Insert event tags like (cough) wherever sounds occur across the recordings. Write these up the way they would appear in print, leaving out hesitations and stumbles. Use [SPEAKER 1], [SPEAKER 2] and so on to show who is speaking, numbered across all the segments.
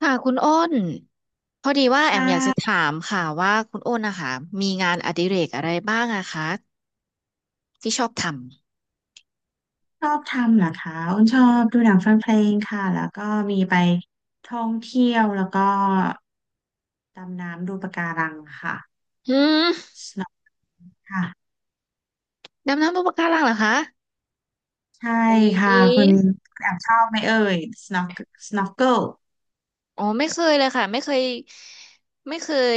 [SPEAKER 1] ค่ะคุณอ้นพอดีว่าแอ
[SPEAKER 2] ค่
[SPEAKER 1] มอยากจะ
[SPEAKER 2] ะ
[SPEAKER 1] ถามค่ะว่าคุณอ้นนะคะมีงานอดิเรกอะไรบ้างอะคะที่ชอบท
[SPEAKER 2] ชอบทำเหรอคะอ้นชอบดูหนังฟังเพลงค่ะแล้วก็มีไปท่องเที่ยวแล้วก็ดำน้ำดูปะการังค่ะ
[SPEAKER 1] ำหืม
[SPEAKER 2] snorkel ค่ะ
[SPEAKER 1] ดำน้ำบนปะการังเหรอคะ
[SPEAKER 2] ใช่
[SPEAKER 1] อุ๊ย
[SPEAKER 2] ค่ะคุณแอบชอบไหมเอ่ย snorkel snorkel
[SPEAKER 1] อ๋อไม่เคยเลยค่ะไม่เคย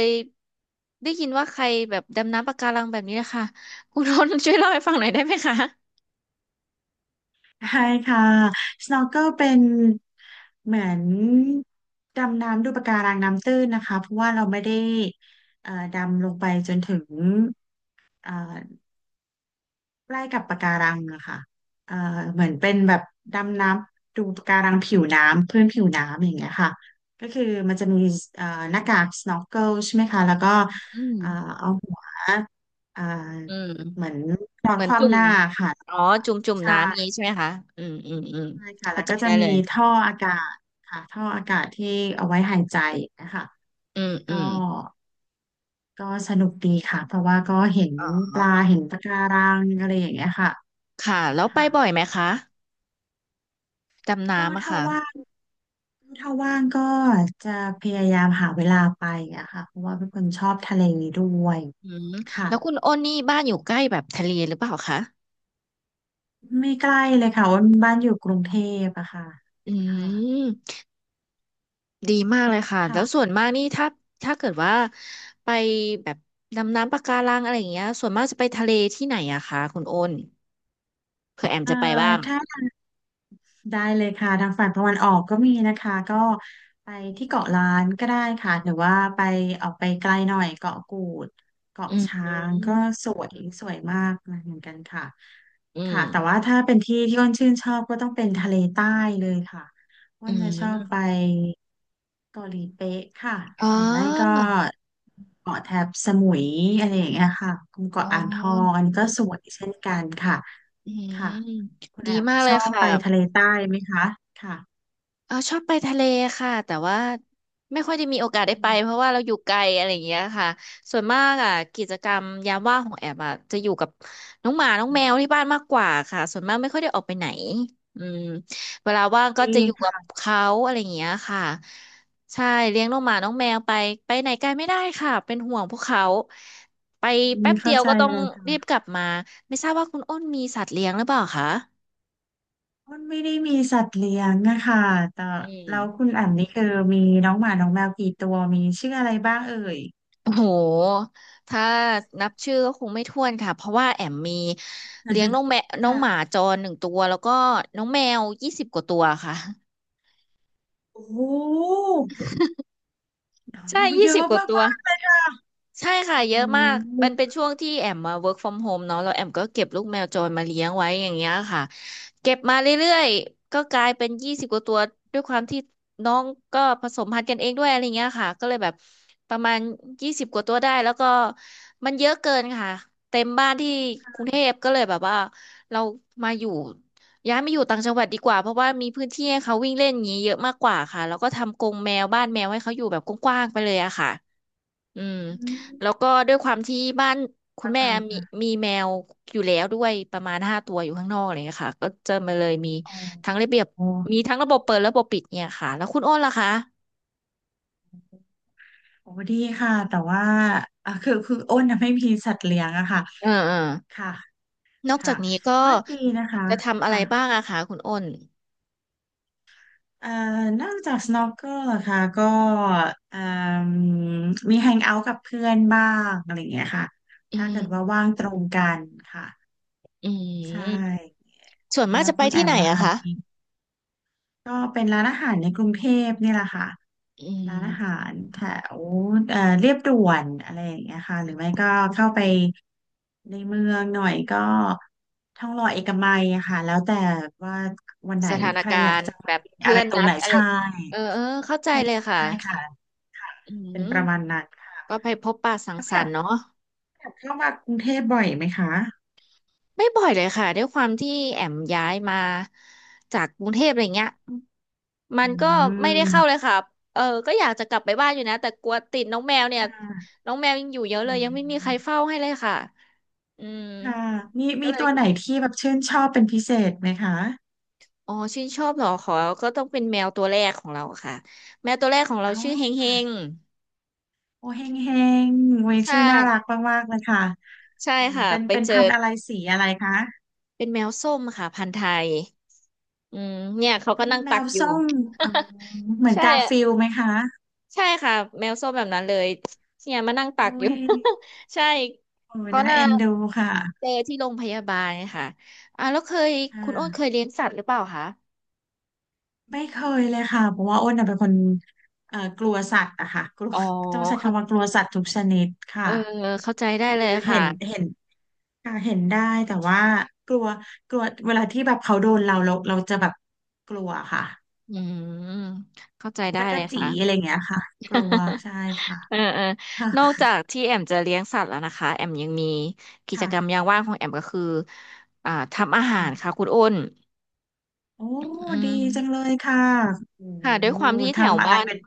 [SPEAKER 1] ได้ยินว่าใครแบบดำน้ำปะการังแบบนี้นะคะคุณอ้น (laughs) ช่วยเล่าให้ฟังหน่อยได้ไหมคะ
[SPEAKER 2] ใช่ค่ะ snorkel เป็นเหมือนดำน้ำดูปะการังน้ำตื้นนะคะเพราะว่าเราไม่ได้ดำลงไปจนถึงเอ่อ ใกล้กับปะการังอะค่ะเอ่อเหมือนเป็นแบบดำน้ำดูปะการังผิวน้ำเพื่อนผิวน้ำอย่างเงี้ยค่ะก็คือมันจะมีเอ่อหน้ากาก snorkel ใช่ไหมคะแล้วก็
[SPEAKER 1] อื
[SPEAKER 2] เอ่อ
[SPEAKER 1] ม
[SPEAKER 2] เอาหัวเอ่อ
[SPEAKER 1] อื
[SPEAKER 2] เหมือ
[SPEAKER 1] ม
[SPEAKER 2] นนอ
[SPEAKER 1] เห
[SPEAKER 2] น
[SPEAKER 1] มือ
[SPEAKER 2] ค
[SPEAKER 1] นจุ่
[SPEAKER 2] ว่ำห
[SPEAKER 1] ม
[SPEAKER 2] น้าค่ะ
[SPEAKER 1] อ๋อจุ่ม
[SPEAKER 2] ใช่
[SPEAKER 1] น้ำอย่างนี้ใช่ไหมคะอืมอืมอืม
[SPEAKER 2] ใช่ค่ะ
[SPEAKER 1] เข้า
[SPEAKER 2] แล้ว
[SPEAKER 1] ใจ
[SPEAKER 2] ก็จะ
[SPEAKER 1] ได้เล
[SPEAKER 2] มี
[SPEAKER 1] ย
[SPEAKER 2] ท่ออากาศค่ะท่ออากาศที่เอาไว้หายใจนะคะ
[SPEAKER 1] อืมอื
[SPEAKER 2] ก็
[SPEAKER 1] ม
[SPEAKER 2] ก็สนุกดีค่ะเพราะว่าก็เห็น
[SPEAKER 1] อ๋อ
[SPEAKER 2] ปลาเห็นปะการังอะไรอย่างเงี้ยค่ะ
[SPEAKER 1] ค่ะแล้วไป
[SPEAKER 2] ค่ะ
[SPEAKER 1] บ่อยไหมคะดำ
[SPEAKER 2] ก็
[SPEAKER 1] น้ำอะ
[SPEAKER 2] ถ้า
[SPEAKER 1] ค่ะ
[SPEAKER 2] ว่าง ถ้าว่างก็จะพยายามหาเวลาไปอะค่ะเพราะว่าเป็นคนชอบทะเลด้วย
[SPEAKER 1] อืม
[SPEAKER 2] ค่ะ
[SPEAKER 1] แล้วคุณอ้นนี่บ้านอยู่ใกล้แบบทะเลหรือเปล่าคะ
[SPEAKER 2] ไม่ใกล้เลยค่ะว่าบ้านอยู่กรุงเทพอะค่ะ
[SPEAKER 1] อื
[SPEAKER 2] ค่ะ
[SPEAKER 1] มดีมากเลยค่ะแล้วส่ว
[SPEAKER 2] ค่ะ
[SPEAKER 1] นมากนี่ถ้าเกิดว่าไปแบบดำน้ำปะการังอะไรอย่างเงี้ยส่วนมากจะไปทะเลที่ไหนอะคะคุณโอนเผื่อแอม
[SPEAKER 2] เอ่อ
[SPEAKER 1] จะไปบ้าง
[SPEAKER 2] ถ้า ได้เลยค่ะ ทางฝั่งตะวันออกก็มีนะคะก็ไปที่เกาะล้านก็ได้ค่ะ หรือว่าไปออกไปไกลหน่อยเกาะกูด
[SPEAKER 1] อื
[SPEAKER 2] เกาะช้างก็
[SPEAKER 1] ม
[SPEAKER 2] สวยสวยมากเหมือนกันค่ะ
[SPEAKER 1] อื
[SPEAKER 2] ค่ะแต่
[SPEAKER 1] ม
[SPEAKER 2] ว่าถ้าเป็นที่ที่อ้นชื่นชอบก็ต้องเป็นทะเลใต้เลยค่ะอ้
[SPEAKER 1] อื
[SPEAKER 2] นจะชอบไป
[SPEAKER 1] ม
[SPEAKER 2] เกาหลีเป๊ะค่ะ
[SPEAKER 1] อ๋อ
[SPEAKER 2] หรือไม่ก็เกาะแถบสมุยอะไรอย่างเงี้ยค่ะกลุ่ม
[SPEAKER 1] อ๋
[SPEAKER 2] เกาะอ่างทอง
[SPEAKER 1] อ
[SPEAKER 2] อันนี้ก็สวยเช่นกันค่ะ
[SPEAKER 1] อื
[SPEAKER 2] ค่ะ
[SPEAKER 1] ม
[SPEAKER 2] คุณแอ
[SPEAKER 1] ดี
[SPEAKER 2] ม
[SPEAKER 1] มากเล
[SPEAKER 2] ช
[SPEAKER 1] ย
[SPEAKER 2] อบ
[SPEAKER 1] ค่ะ
[SPEAKER 2] ไปทะเลใต้ไหมคะค่ะ
[SPEAKER 1] เออชอบไปทะเลค่ะแต่ว่าไม่ค่อยได้มีโอกาสได้
[SPEAKER 2] อื
[SPEAKER 1] ไป
[SPEAKER 2] ม
[SPEAKER 1] เพราะว่าเราอยู่ไกลอะไรอย่างเงี้ยค่ะส่วนมากอ่ะกิจกรรมยามว่างของแอบอ่ะจะอยู่กับน้องหมาน้องแมวที่บ้านมากกว่าค่ะส่วนมากไม่ค่อยได้ออกไปไหนอืมเวลาว่างก็
[SPEAKER 2] ดี
[SPEAKER 1] จะอยู่กับ
[SPEAKER 2] ค่ะ
[SPEAKER 1] เขาอะไรอย่างเงี้ยค่ะใช่เลี้ยงน้องหมาน้องแมวไปไหนไกลไม่ได้ค่ะเป็นห่วงพวกเขาไป
[SPEAKER 2] อืม
[SPEAKER 1] แป๊บเดี
[SPEAKER 2] เข้า
[SPEAKER 1] ยว
[SPEAKER 2] ใจ
[SPEAKER 1] ก็ต้อ
[SPEAKER 2] เล
[SPEAKER 1] ง
[SPEAKER 2] ย
[SPEAKER 1] รีบ
[SPEAKER 2] ค่ะ
[SPEAKER 1] กลับมาไม่ทราบว่าคุณอ้นมีสัตว์เลี้ยงหรือเปล่าคะ
[SPEAKER 2] อ้นไม่ได้มีสัตว์เลี้ยงนะคะแต่
[SPEAKER 1] อื
[SPEAKER 2] แล้ว
[SPEAKER 1] ม
[SPEAKER 2] คุณแอมนี่คือมีน้องหมาน้องแมวกี่ตัวมีชื่ออะไรบ้างเอ่ย
[SPEAKER 1] โอ้โห ถ้านับชื่อก็คงไม่ถ้วนค่ะ เพราะว่าแอมมีเลี้ยงน้
[SPEAKER 2] (laughs)
[SPEAKER 1] องแมวน้องหมา
[SPEAKER 2] ค่ะ
[SPEAKER 1] จรหนึ่งตัวแล้วก็น้องแมวยี่สิบกว่าตัวค่ะ
[SPEAKER 2] โอ้โห
[SPEAKER 1] ใช่ยี่
[SPEAKER 2] เย
[SPEAKER 1] สิบ
[SPEAKER 2] อะ
[SPEAKER 1] กว่าตัว
[SPEAKER 2] มากๆเลยค่ะ
[SPEAKER 1] ใช่ค่ะ
[SPEAKER 2] โอ้
[SPEAKER 1] เย
[SPEAKER 2] โห
[SPEAKER 1] อะมากมันเป็นช่วงที่แอมมา work from home เนาะแล้วแอมก็เก็บลูกแมวจรมาเลี้ยงไว้อย่างเงี้ยค่ะเก็บมาเรื่อยๆก็กลายเป็นยี่สิบกว่าตัวด้วยความที่น้องก็ผสมพันธุ์กันเองด้วยอะไรเงี้ยค่ะก็เลยแบบประมาณยี่สิบกว่าตัวได้แล้วก็มันเยอะเกินค่ะเต็มบ้านที่กรุงเทพก็เลยแบบว่าเรามาอยู่ย้ายมาอยู่ต่างจังหวัดดีกว่าเพราะว่ามีพื้นที่ให้เขาวิ่งเล่นอย่างนี้เยอะมากกว่าค่ะแล้วก็ทำกรงแมวบ้านแมวให้เขาอยู่แบบกว้างๆไปเลยอะค่ะ อืม
[SPEAKER 2] อื
[SPEAKER 1] แล้ว
[SPEAKER 2] ม
[SPEAKER 1] ก็ด้วยความที่บ้านคุณ
[SPEAKER 2] เข้า
[SPEAKER 1] แม่
[SPEAKER 2] ใจ
[SPEAKER 1] มี
[SPEAKER 2] ค่ะ
[SPEAKER 1] มีแมวอยู่แล้วด้วยประมาณห้าตัวอยู่ข้างนอกอะไรเลยค่ะก็จะมาเลยมี
[SPEAKER 2] อ๋อ
[SPEAKER 1] ทั้งระเบียบ
[SPEAKER 2] โอ้
[SPEAKER 1] มีทั้งระบบเปิดระบบปิดเนี่ยค่ะแล้วคุณอ้นล่ะคะ
[SPEAKER 2] โหดีค่ะแต่ว่าอ่ะคืออ้นน่ะไม่มีสัตว์เลี้ยงอะค่ะ
[SPEAKER 1] เออเออ
[SPEAKER 2] ค่ะ
[SPEAKER 1] นอกจา
[SPEAKER 2] ค่ะ
[SPEAKER 1] กนี้ก็
[SPEAKER 2] ก็ดีนะคะ
[SPEAKER 1] จะทำอะไร
[SPEAKER 2] ค่ะ
[SPEAKER 1] บ้างอะคะคุณอ้น
[SPEAKER 2] เอ่อนอกจาก snorkel เหรอคะก็เอ่มมี hang out กับเพื่อนบ้างอะไรอย่างเงี้ยค่ะ
[SPEAKER 1] อื
[SPEAKER 2] ถ้าเกิดว่าว่า
[SPEAKER 1] ม
[SPEAKER 2] งตรงกันค่ะ
[SPEAKER 1] อื
[SPEAKER 2] ใช
[SPEAKER 1] ม
[SPEAKER 2] ่
[SPEAKER 1] ส่วนมาก
[SPEAKER 2] แล้ว
[SPEAKER 1] จะไป
[SPEAKER 2] คุณแอ
[SPEAKER 1] ที่ไห
[SPEAKER 2] ม
[SPEAKER 1] น
[SPEAKER 2] ล่ะ
[SPEAKER 1] อะ
[SPEAKER 2] คะ
[SPEAKER 1] คะ
[SPEAKER 2] มีก็เป็นร้านอาหารในกรุงเทพนี่แหละค่ะ
[SPEAKER 1] อื
[SPEAKER 2] ร้านอาหา
[SPEAKER 1] ม
[SPEAKER 2] รแถวเรียบด่วนอะไรอย่างเงี้ยค่ะหรือไม่ก็เข้าไปในเมืองหน่อยก็ทองหล่อเอกมัยอะค่ะแล้วแต่ว่าวันไหน
[SPEAKER 1] สถาน
[SPEAKER 2] ใคร
[SPEAKER 1] กา
[SPEAKER 2] อยาก
[SPEAKER 1] รณ์
[SPEAKER 2] จะ
[SPEAKER 1] แบ
[SPEAKER 2] มา
[SPEAKER 1] บ
[SPEAKER 2] กินอะ
[SPEAKER 1] เพื่
[SPEAKER 2] ไร
[SPEAKER 1] อน
[SPEAKER 2] ตร
[SPEAKER 1] นั
[SPEAKER 2] งไห
[SPEAKER 1] ด
[SPEAKER 2] น
[SPEAKER 1] อะไร
[SPEAKER 2] ใช่
[SPEAKER 1] เออเออเข้าใจ
[SPEAKER 2] ใช่
[SPEAKER 1] เลยค่ะ
[SPEAKER 2] ใช่ค่ะ
[SPEAKER 1] อื
[SPEAKER 2] เป็นป
[SPEAKER 1] ม
[SPEAKER 2] ระมาณนั้นค่ะ
[SPEAKER 1] ก็ไปพบปะสัง
[SPEAKER 2] แล้ว
[SPEAKER 1] ส
[SPEAKER 2] แบ
[SPEAKER 1] รร
[SPEAKER 2] บ
[SPEAKER 1] ค์เนาะ
[SPEAKER 2] แบบเข้ามากรุงเทพบ่อยไหมคะ
[SPEAKER 1] ไม่บ่อยเลยค่ะด้วยความที่แอมย้ายมาจากกรุงเทพอะไรเงี้ยมั
[SPEAKER 2] อื
[SPEAKER 1] นก็ไม่ได้เข้าเล
[SPEAKER 2] ม
[SPEAKER 1] ยค่ะเออก็อยากจะกลับไปบ้านอยู่นะแต่กลัวติดน้องแมวเนี่
[SPEAKER 2] ค
[SPEAKER 1] ย
[SPEAKER 2] ่ะ
[SPEAKER 1] น้องแมวยังอยู่เยอะเล
[SPEAKER 2] อื
[SPEAKER 1] ยยังไม่มีใคร
[SPEAKER 2] ม
[SPEAKER 1] เฝ้าให้เลยค่ะอืม
[SPEAKER 2] ค่ะมี
[SPEAKER 1] ก็
[SPEAKER 2] มี
[SPEAKER 1] เลย
[SPEAKER 2] ตัวไหนที่แบบชื่นชอบเป็นพิเศษไหมคะ
[SPEAKER 1] อ๋อชื่นชอบเหรอขอก็ต้องเป็นแมวตัวแรกของเราค่ะแมวตัวแรกของเรา
[SPEAKER 2] เอ้า
[SPEAKER 1] ชื่อเฮงเฮง
[SPEAKER 2] โอเฮงเฮงโอ้ย
[SPEAKER 1] ใช่
[SPEAKER 2] ชื่อน่ารักมากๆเลยค่ะ
[SPEAKER 1] ใช่
[SPEAKER 2] อืม
[SPEAKER 1] ค่ะ
[SPEAKER 2] เป็น
[SPEAKER 1] ไป
[SPEAKER 2] เป็น
[SPEAKER 1] เจ
[SPEAKER 2] พั
[SPEAKER 1] อ
[SPEAKER 2] นธุ์อะไรสีอะไรคะ
[SPEAKER 1] เป็นแมวส้มค่ะพันธุ์ไทยอืมเนี่ยเขาก็
[SPEAKER 2] เป็น
[SPEAKER 1] นั่ง
[SPEAKER 2] แม
[SPEAKER 1] ตัก
[SPEAKER 2] ว
[SPEAKER 1] อยู่
[SPEAKER 2] ส้มอ๋อเหมื
[SPEAKER 1] (laughs)
[SPEAKER 2] อน
[SPEAKER 1] ใช่
[SPEAKER 2] กาฟิลด์ไหมคะ
[SPEAKER 1] ใช่ค่ะแมวส้มแบบนั้นเลยเนี่ยมานั่งตั
[SPEAKER 2] โอ้
[SPEAKER 1] กอยู่
[SPEAKER 2] ย
[SPEAKER 1] (laughs) ใช่
[SPEAKER 2] โอ้ย
[SPEAKER 1] เขา
[SPEAKER 2] น่า
[SPEAKER 1] น่า
[SPEAKER 2] เอ็นดูค่ะ
[SPEAKER 1] เจอที่โรงพยาบาลค่ะอ่าแล้วเคย
[SPEAKER 2] ค
[SPEAKER 1] คุณโอ้นเค
[SPEAKER 2] ่ะ
[SPEAKER 1] ยเลี้ยงสัตว์หรือเปล่าคะ
[SPEAKER 2] ไม่เคยเลยค่ะเพราะว่าอ้นน่ะเป็นคนกลัวสัตว์อะค่ะกลัว
[SPEAKER 1] อ๋อ
[SPEAKER 2] ต้องใช้
[SPEAKER 1] เขา
[SPEAKER 2] คำว่ากลัวสัตว์ทุกชนิดค่ะ
[SPEAKER 1] เออเข้าใจได้
[SPEAKER 2] คือ
[SPEAKER 1] เลย
[SPEAKER 2] เห็
[SPEAKER 1] ค่ะ
[SPEAKER 2] นเห็นค่ะเห็นได้แต่ว่ากลัวกลัวเวลาที่แบบเขาโดนเราจะแบบกลัวค่ะ
[SPEAKER 1] อืมเข้าใจได้
[SPEAKER 2] จัก
[SPEAKER 1] เล
[SPEAKER 2] ร
[SPEAKER 1] ย
[SPEAKER 2] จี
[SPEAKER 1] ค่ะ
[SPEAKER 2] อะไรอย่างเงี้ยค่ะกลัว
[SPEAKER 1] (laughs)
[SPEAKER 2] ใช่ค่ะ
[SPEAKER 1] เออเออ
[SPEAKER 2] ค่ะ
[SPEAKER 1] นอกจากที่แอมจะเลี้ยงสัตว์แล้วนะคะแอมยังมีกิจ
[SPEAKER 2] ค่ะ
[SPEAKER 1] กรรมยามว่างของแอมก็คืออ่าทำอาหารค่ะ
[SPEAKER 2] ค่ะ
[SPEAKER 1] คุณอ้น
[SPEAKER 2] โอ้
[SPEAKER 1] อื
[SPEAKER 2] ดี
[SPEAKER 1] ม
[SPEAKER 2] จังเลยค่ะโอ้
[SPEAKER 1] ค่ะด้วยความที่แถว
[SPEAKER 2] ทำอะไร
[SPEAKER 1] บ้าน
[SPEAKER 2] เป็น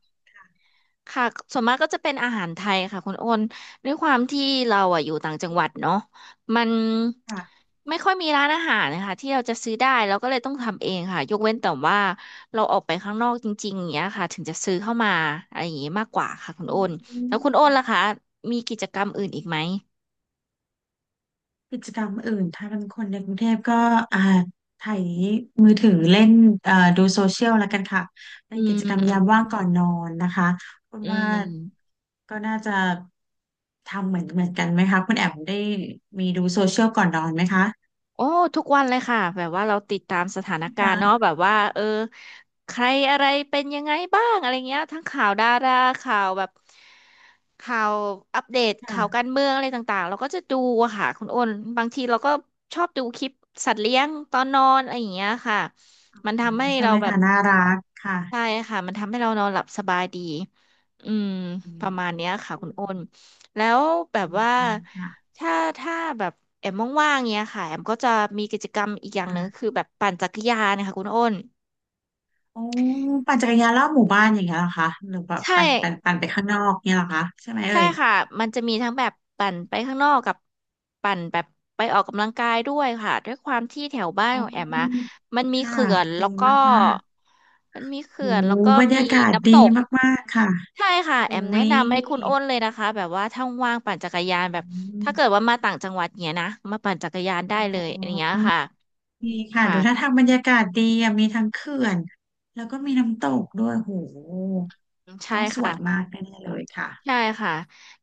[SPEAKER 1] ค่ะส่วนมากก็จะเป็นอาหารไทยค่ะคุณโอนด้วยความที่เราอ่ะอยู่ต่างจังหวัดเนาะมัน
[SPEAKER 2] ค่ะ
[SPEAKER 1] ไม่ค่อยมีร้านอาหารนะคะที่เราจะซื้อได้เราก็เลยต้องทำเองค่ะยกเว้นแต่ว่าเราออกไปข้างนอกจริงๆอย่างเงี้ยค่ะถึงจะซื้อเข้ามาอะไรอย่างงี้มากกว่าค่ะคุณ
[SPEAKER 2] อ
[SPEAKER 1] โอน
[SPEAKER 2] ื
[SPEAKER 1] แล้
[SPEAKER 2] ม
[SPEAKER 1] วคุณโอนล่ะคะมีกิจกรรมอื่นอีกไหม
[SPEAKER 2] กิจกรรมอื่นถ้าเป็นคนในกรุงเทพก็อ่าไถมือถือเล่นดูโซเชียลแล้วกันค่ะเป็
[SPEAKER 1] อื
[SPEAKER 2] นกิจกรรมยาม
[SPEAKER 1] ม
[SPEAKER 2] ว่างก่อนนอนนะคะคุณ
[SPEAKER 1] อื
[SPEAKER 2] ว่า
[SPEAKER 1] ม
[SPEAKER 2] ก็น่าจะทำเหมือนกันไหมคะคุณแอมได้มีดูโซเชียลก่อนนอนไหมคะ
[SPEAKER 1] โอ้ทุกวันเลยค่ะแบบว่าเราติดตามสถานการณ์เนาะ
[SPEAKER 2] ค่ะ
[SPEAKER 1] แบบว่าเออใครอะไรเป็นยังไงบ้างอะไรเงี้ยทั้งข่าวดาราข่าวแบบข่าวอัปเดตข่าวการ
[SPEAKER 2] ค่ะ
[SPEAKER 1] เมืองอะไรต่างๆเราก็จะดูอะค่ะคุณอ้นบางทีเราก็ชอบดูคลิปสัตว์เลี้ยงตอนนอนอะไรอย่างเงี้ยค่ะมันทำ
[SPEAKER 2] โอ้
[SPEAKER 1] ให้
[SPEAKER 2] ใช่
[SPEAKER 1] เรา
[SPEAKER 2] ไหม
[SPEAKER 1] แบบ
[SPEAKER 2] คะน่ารักค่ะ
[SPEAKER 1] ใช่ค่ะมันทำให้เรานอนหลับสบายดีอืม
[SPEAKER 2] อื
[SPEAKER 1] ป
[SPEAKER 2] ม
[SPEAKER 1] ระมาณเนี้ยค่ะ
[SPEAKER 2] อื
[SPEAKER 1] คุณ
[SPEAKER 2] ม
[SPEAKER 1] โอ้นแล้วแบบ
[SPEAKER 2] อืม
[SPEAKER 1] ว่า
[SPEAKER 2] อืมค่ะ
[SPEAKER 1] ถ้าถ้าแบบแอมว่างๆเนี้ยค่ะแอมก็จะมีกิจกรรมอีกอย่างหนึ่งคือ
[SPEAKER 2] ค่ะ
[SPEAKER 1] แบบปั่นจักรยานนะคะคุณโอ้น
[SPEAKER 2] โอ้ปั่นจักรยานรอบหมู่บ้านอย่างเงี้ยเหรอคะหรือแบบ
[SPEAKER 1] ใช่
[SPEAKER 2] ปั่นไปข้างนอกเนี่ยเหรอคะใช่ไหม
[SPEAKER 1] ใช่
[SPEAKER 2] เอ่ย
[SPEAKER 1] ค่ะมันจะมีทั้งแบบปั่นไปข้างนอกกับปั่นแบบไปออกกำลังกายด้วยค่ะด้วยความที่แถวบ้าน
[SPEAKER 2] อ๋
[SPEAKER 1] ของแอมอะ
[SPEAKER 2] อ
[SPEAKER 1] มันมี
[SPEAKER 2] ค่ะ
[SPEAKER 1] เขื่อน
[SPEAKER 2] ดี
[SPEAKER 1] แล้วก็
[SPEAKER 2] มาก
[SPEAKER 1] มันมี
[SPEAKER 2] ๆโห
[SPEAKER 1] เขื่อนแล้วก็
[SPEAKER 2] บรร
[SPEAKER 1] มี
[SPEAKER 2] ยากาศดี
[SPEAKER 1] น้ำตก
[SPEAKER 2] มากๆค่ะ
[SPEAKER 1] ใช่ค่ะแอ
[SPEAKER 2] อุ้
[SPEAKER 1] มแนะ
[SPEAKER 2] ย
[SPEAKER 1] นำให้คุณอ้นเลยนะคะแบบว่าถ้าว่างปั่นจักรยานแบบ
[SPEAKER 2] อืม
[SPEAKER 1] ถ้าเกิดว่ามาต่างจังหวัดเนี้ยนะมาปั่นจักรยานได้
[SPEAKER 2] อ๋
[SPEAKER 1] เลยอย่างเงี้
[SPEAKER 2] อ
[SPEAKER 1] ยค่ะ
[SPEAKER 2] ดีค่ะดูท่า
[SPEAKER 1] ค่ะ
[SPEAKER 2] ทางบรรยากาศดีอะมีทั้งเขื่อน แล้วก็มีน้ำตกด้วยโห
[SPEAKER 1] ใช่
[SPEAKER 2] ต้องสว
[SPEAKER 1] ค่ะ
[SPEAKER 2] ยมากแน่ๆเลยค่ะ
[SPEAKER 1] ใช่ค่ะ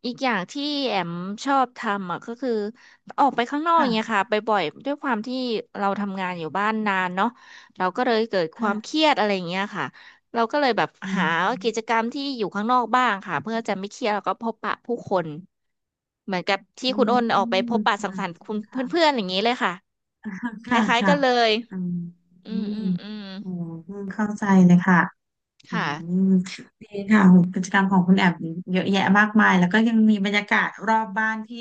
[SPEAKER 1] อีกอย่างที่แอมชอบทำอ่ะก็คือออกไปข้างนอกอ
[SPEAKER 2] ค่ะ
[SPEAKER 1] ย่างเงี้ยค่ะไปบ่อยด้วยความที่เราทำงานอยู่บ้านนานเนาะเราก็เลยเกิดความเค
[SPEAKER 2] ค่ะ
[SPEAKER 1] รียดอะไรอย่างเงี้ยค่ะเราก็เลยแบบ
[SPEAKER 2] อื
[SPEAKER 1] หา
[SPEAKER 2] ม
[SPEAKER 1] กิจกรรมที่อยู่ข้างนอกบ้างค่ะเพื่อจะไม่เครียดแล้วก็พบปะผู้คนเหมือนกับที่
[SPEAKER 2] อื
[SPEAKER 1] คุณอ้นออกไปพ
[SPEAKER 2] ม
[SPEAKER 1] บปะสั
[SPEAKER 2] ค่ะ
[SPEAKER 1] งสรรค์
[SPEAKER 2] จริ
[SPEAKER 1] คุ
[SPEAKER 2] งค่ะ
[SPEAKER 1] ณเพื่อนๆอย่างนี้เลยค่ะ
[SPEAKER 2] (laughs)
[SPEAKER 1] ค
[SPEAKER 2] ค่ะ
[SPEAKER 1] ล้ายๆ
[SPEAKER 2] ค่ะ
[SPEAKER 1] กันเลย
[SPEAKER 2] อืม
[SPEAKER 1] อืมอืมอืม
[SPEAKER 2] โอ้เข้าใจเลยค่ะ อื
[SPEAKER 1] ค่ะ
[SPEAKER 2] มดีค่ะโหกิจกรรมของคุณแอบเยอะแยะมากมายแล้วก็ยังมีบรรยากาศรอบบ้านที่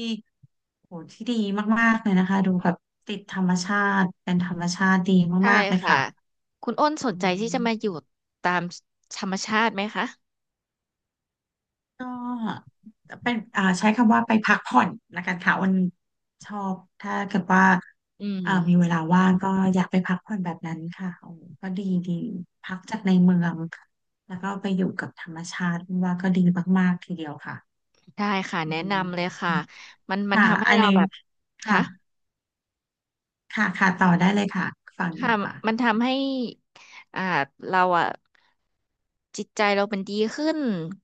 [SPEAKER 2] โหที่ดีมากๆเลยนะคะดูแบบติดธรรมชาติเป็นธรรมชาติดี
[SPEAKER 1] ใช่
[SPEAKER 2] มากๆเลย
[SPEAKER 1] ค่ะ
[SPEAKER 2] ค่ะ
[SPEAKER 1] คุณอ้นสน
[SPEAKER 2] อื
[SPEAKER 1] ใจที่จะ
[SPEAKER 2] ม
[SPEAKER 1] มาอยู่ตามธรรมชาติไหมคะ
[SPEAKER 2] ก็เป็นใช้คำว่าไปพักผ่อนละกันค่ะวันชอบถ้าเกิดว่า
[SPEAKER 1] อืม
[SPEAKER 2] มีเวลาว่างก็อยากไปพักผ่อนแบบนั้นค่ะโอ้ก็ดีดีพักจากในเมืองแล้วก็ไปอยู่กับธรรมชาติว่าก็ดีมากๆทีเดียวค่ะ
[SPEAKER 1] ได้ค่ะ
[SPEAKER 2] อื
[SPEAKER 1] แนะนำเลย
[SPEAKER 2] ม
[SPEAKER 1] ค่ะมัน
[SPEAKER 2] ค่ะ
[SPEAKER 1] ทำให้
[SPEAKER 2] อันห
[SPEAKER 1] เรา
[SPEAKER 2] นึง
[SPEAKER 1] แบบ
[SPEAKER 2] ค่ะ
[SPEAKER 1] ค่ะ
[SPEAKER 2] ค่ะค่ะต่อได้เลยค่ะ ฟังอ
[SPEAKER 1] ค่ะ
[SPEAKER 2] ยู่ค่ะ
[SPEAKER 1] มันทำให้อ่าเราอ่ะจิตใจเรามันดีขึ้น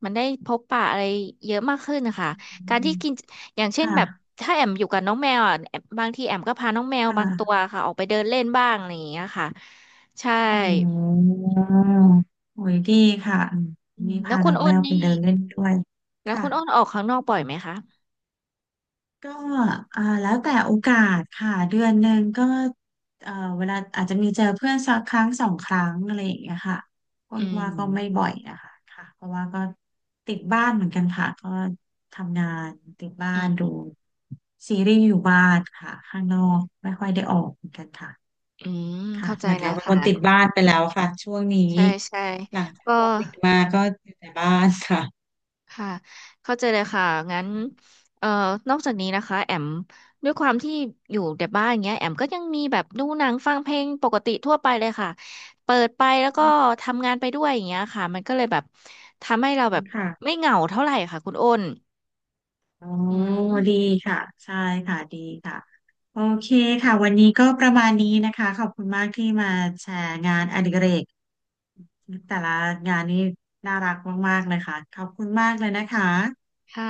[SPEAKER 1] มันได้พบปะอะไรเยอะมากขึ้นนะคะ
[SPEAKER 2] อื
[SPEAKER 1] การ
[SPEAKER 2] ม
[SPEAKER 1] ที่กินอย่างเช่น
[SPEAKER 2] ค่ะ
[SPEAKER 1] แบบถ้าแอมอยู่กับน้องแมวอ่ะแอมบางทีแอมก็พาน้องแมว
[SPEAKER 2] ค
[SPEAKER 1] บางตัว
[SPEAKER 2] ่ะ
[SPEAKER 1] ค่ะออกไปเดินเล่นบ้างอะไรอย่างเงี้ยค่ะใช่
[SPEAKER 2] อ๋อโอ้ยดีค่ะอืม
[SPEAKER 1] อืม
[SPEAKER 2] นี่
[SPEAKER 1] แล้ว
[SPEAKER 2] พา
[SPEAKER 1] คุ
[SPEAKER 2] น้
[SPEAKER 1] ณ
[SPEAKER 2] อง
[SPEAKER 1] อ้
[SPEAKER 2] แม
[SPEAKER 1] น
[SPEAKER 2] วไป
[SPEAKER 1] นี่
[SPEAKER 2] เดินเล่นด้วย
[SPEAKER 1] แล้ว
[SPEAKER 2] ค่ะ
[SPEAKER 1] คุณอ้นออกข้างนอกบ่อยไหมคะ
[SPEAKER 2] ก็อ่าแล้วแต่โอกาสค่ะเดือนหนึ่งก็เอ่อเวลาอาจจะมีเจอเพื่อนสักครั้งสองครั้งอะไรอย่างเงี้ยค่ะค
[SPEAKER 1] อื
[SPEAKER 2] นว่าก็ไม่
[SPEAKER 1] ม
[SPEAKER 2] บ่อยนะคะค่ะเพราะว่าก็ติดบ้านเหมือนกันค่ะก็ทำงานติดบ้า
[SPEAKER 1] อื
[SPEAKER 2] นดู
[SPEAKER 1] ม
[SPEAKER 2] ซีรีส์อยู่บ้านค่ะข้างนอกไม่ค่อยได้ออกเหมือนกันค่ะ
[SPEAKER 1] อืม
[SPEAKER 2] ค่ะ
[SPEAKER 1] เข้าใจ
[SPEAKER 2] เหมือน
[SPEAKER 1] แล้
[SPEAKER 2] เรา
[SPEAKER 1] ว
[SPEAKER 2] เป็นค
[SPEAKER 1] ค่ะ
[SPEAKER 2] นติดบ้านไปแล้วค่ะช่วงนี้
[SPEAKER 1] ใช่ใช่
[SPEAKER 2] หลังจาก
[SPEAKER 1] ก็
[SPEAKER 2] โควิดมาก็อยู่แต่บ้านค่ะ
[SPEAKER 1] ค่ะเข้าใจเลยค่ะงั้นเอ่อนอกจากนี้นะคะแอมด้วยความที่อยู่แต่บ้านเงี้ยแอมก็ยังมีแบบดูหนังฟังเพลงปกติทั่วไปเลยค่ะเปิดไปแล้วก็ทำงานไปด้วยอย่างเงี้ยค่ะมันก็เลยแบบทำให้เราแบบ
[SPEAKER 2] ค่ะ
[SPEAKER 1] ไม่เหงาเท่าไหร่ค่ะคุณอ้น
[SPEAKER 2] อ๋อ
[SPEAKER 1] อื
[SPEAKER 2] ดี
[SPEAKER 1] ม
[SPEAKER 2] ค่ะใช่ค่ะดีค่ะโอเคค่ะวันนี้ก็ประมาณนี้นะคะขอบคุณมากที่มาแชร์งานอดิเรกแต่ละงานนี่น่ารักมากๆเลยค่ะขอบคุณมากเลยนะคะ
[SPEAKER 1] ค่ะ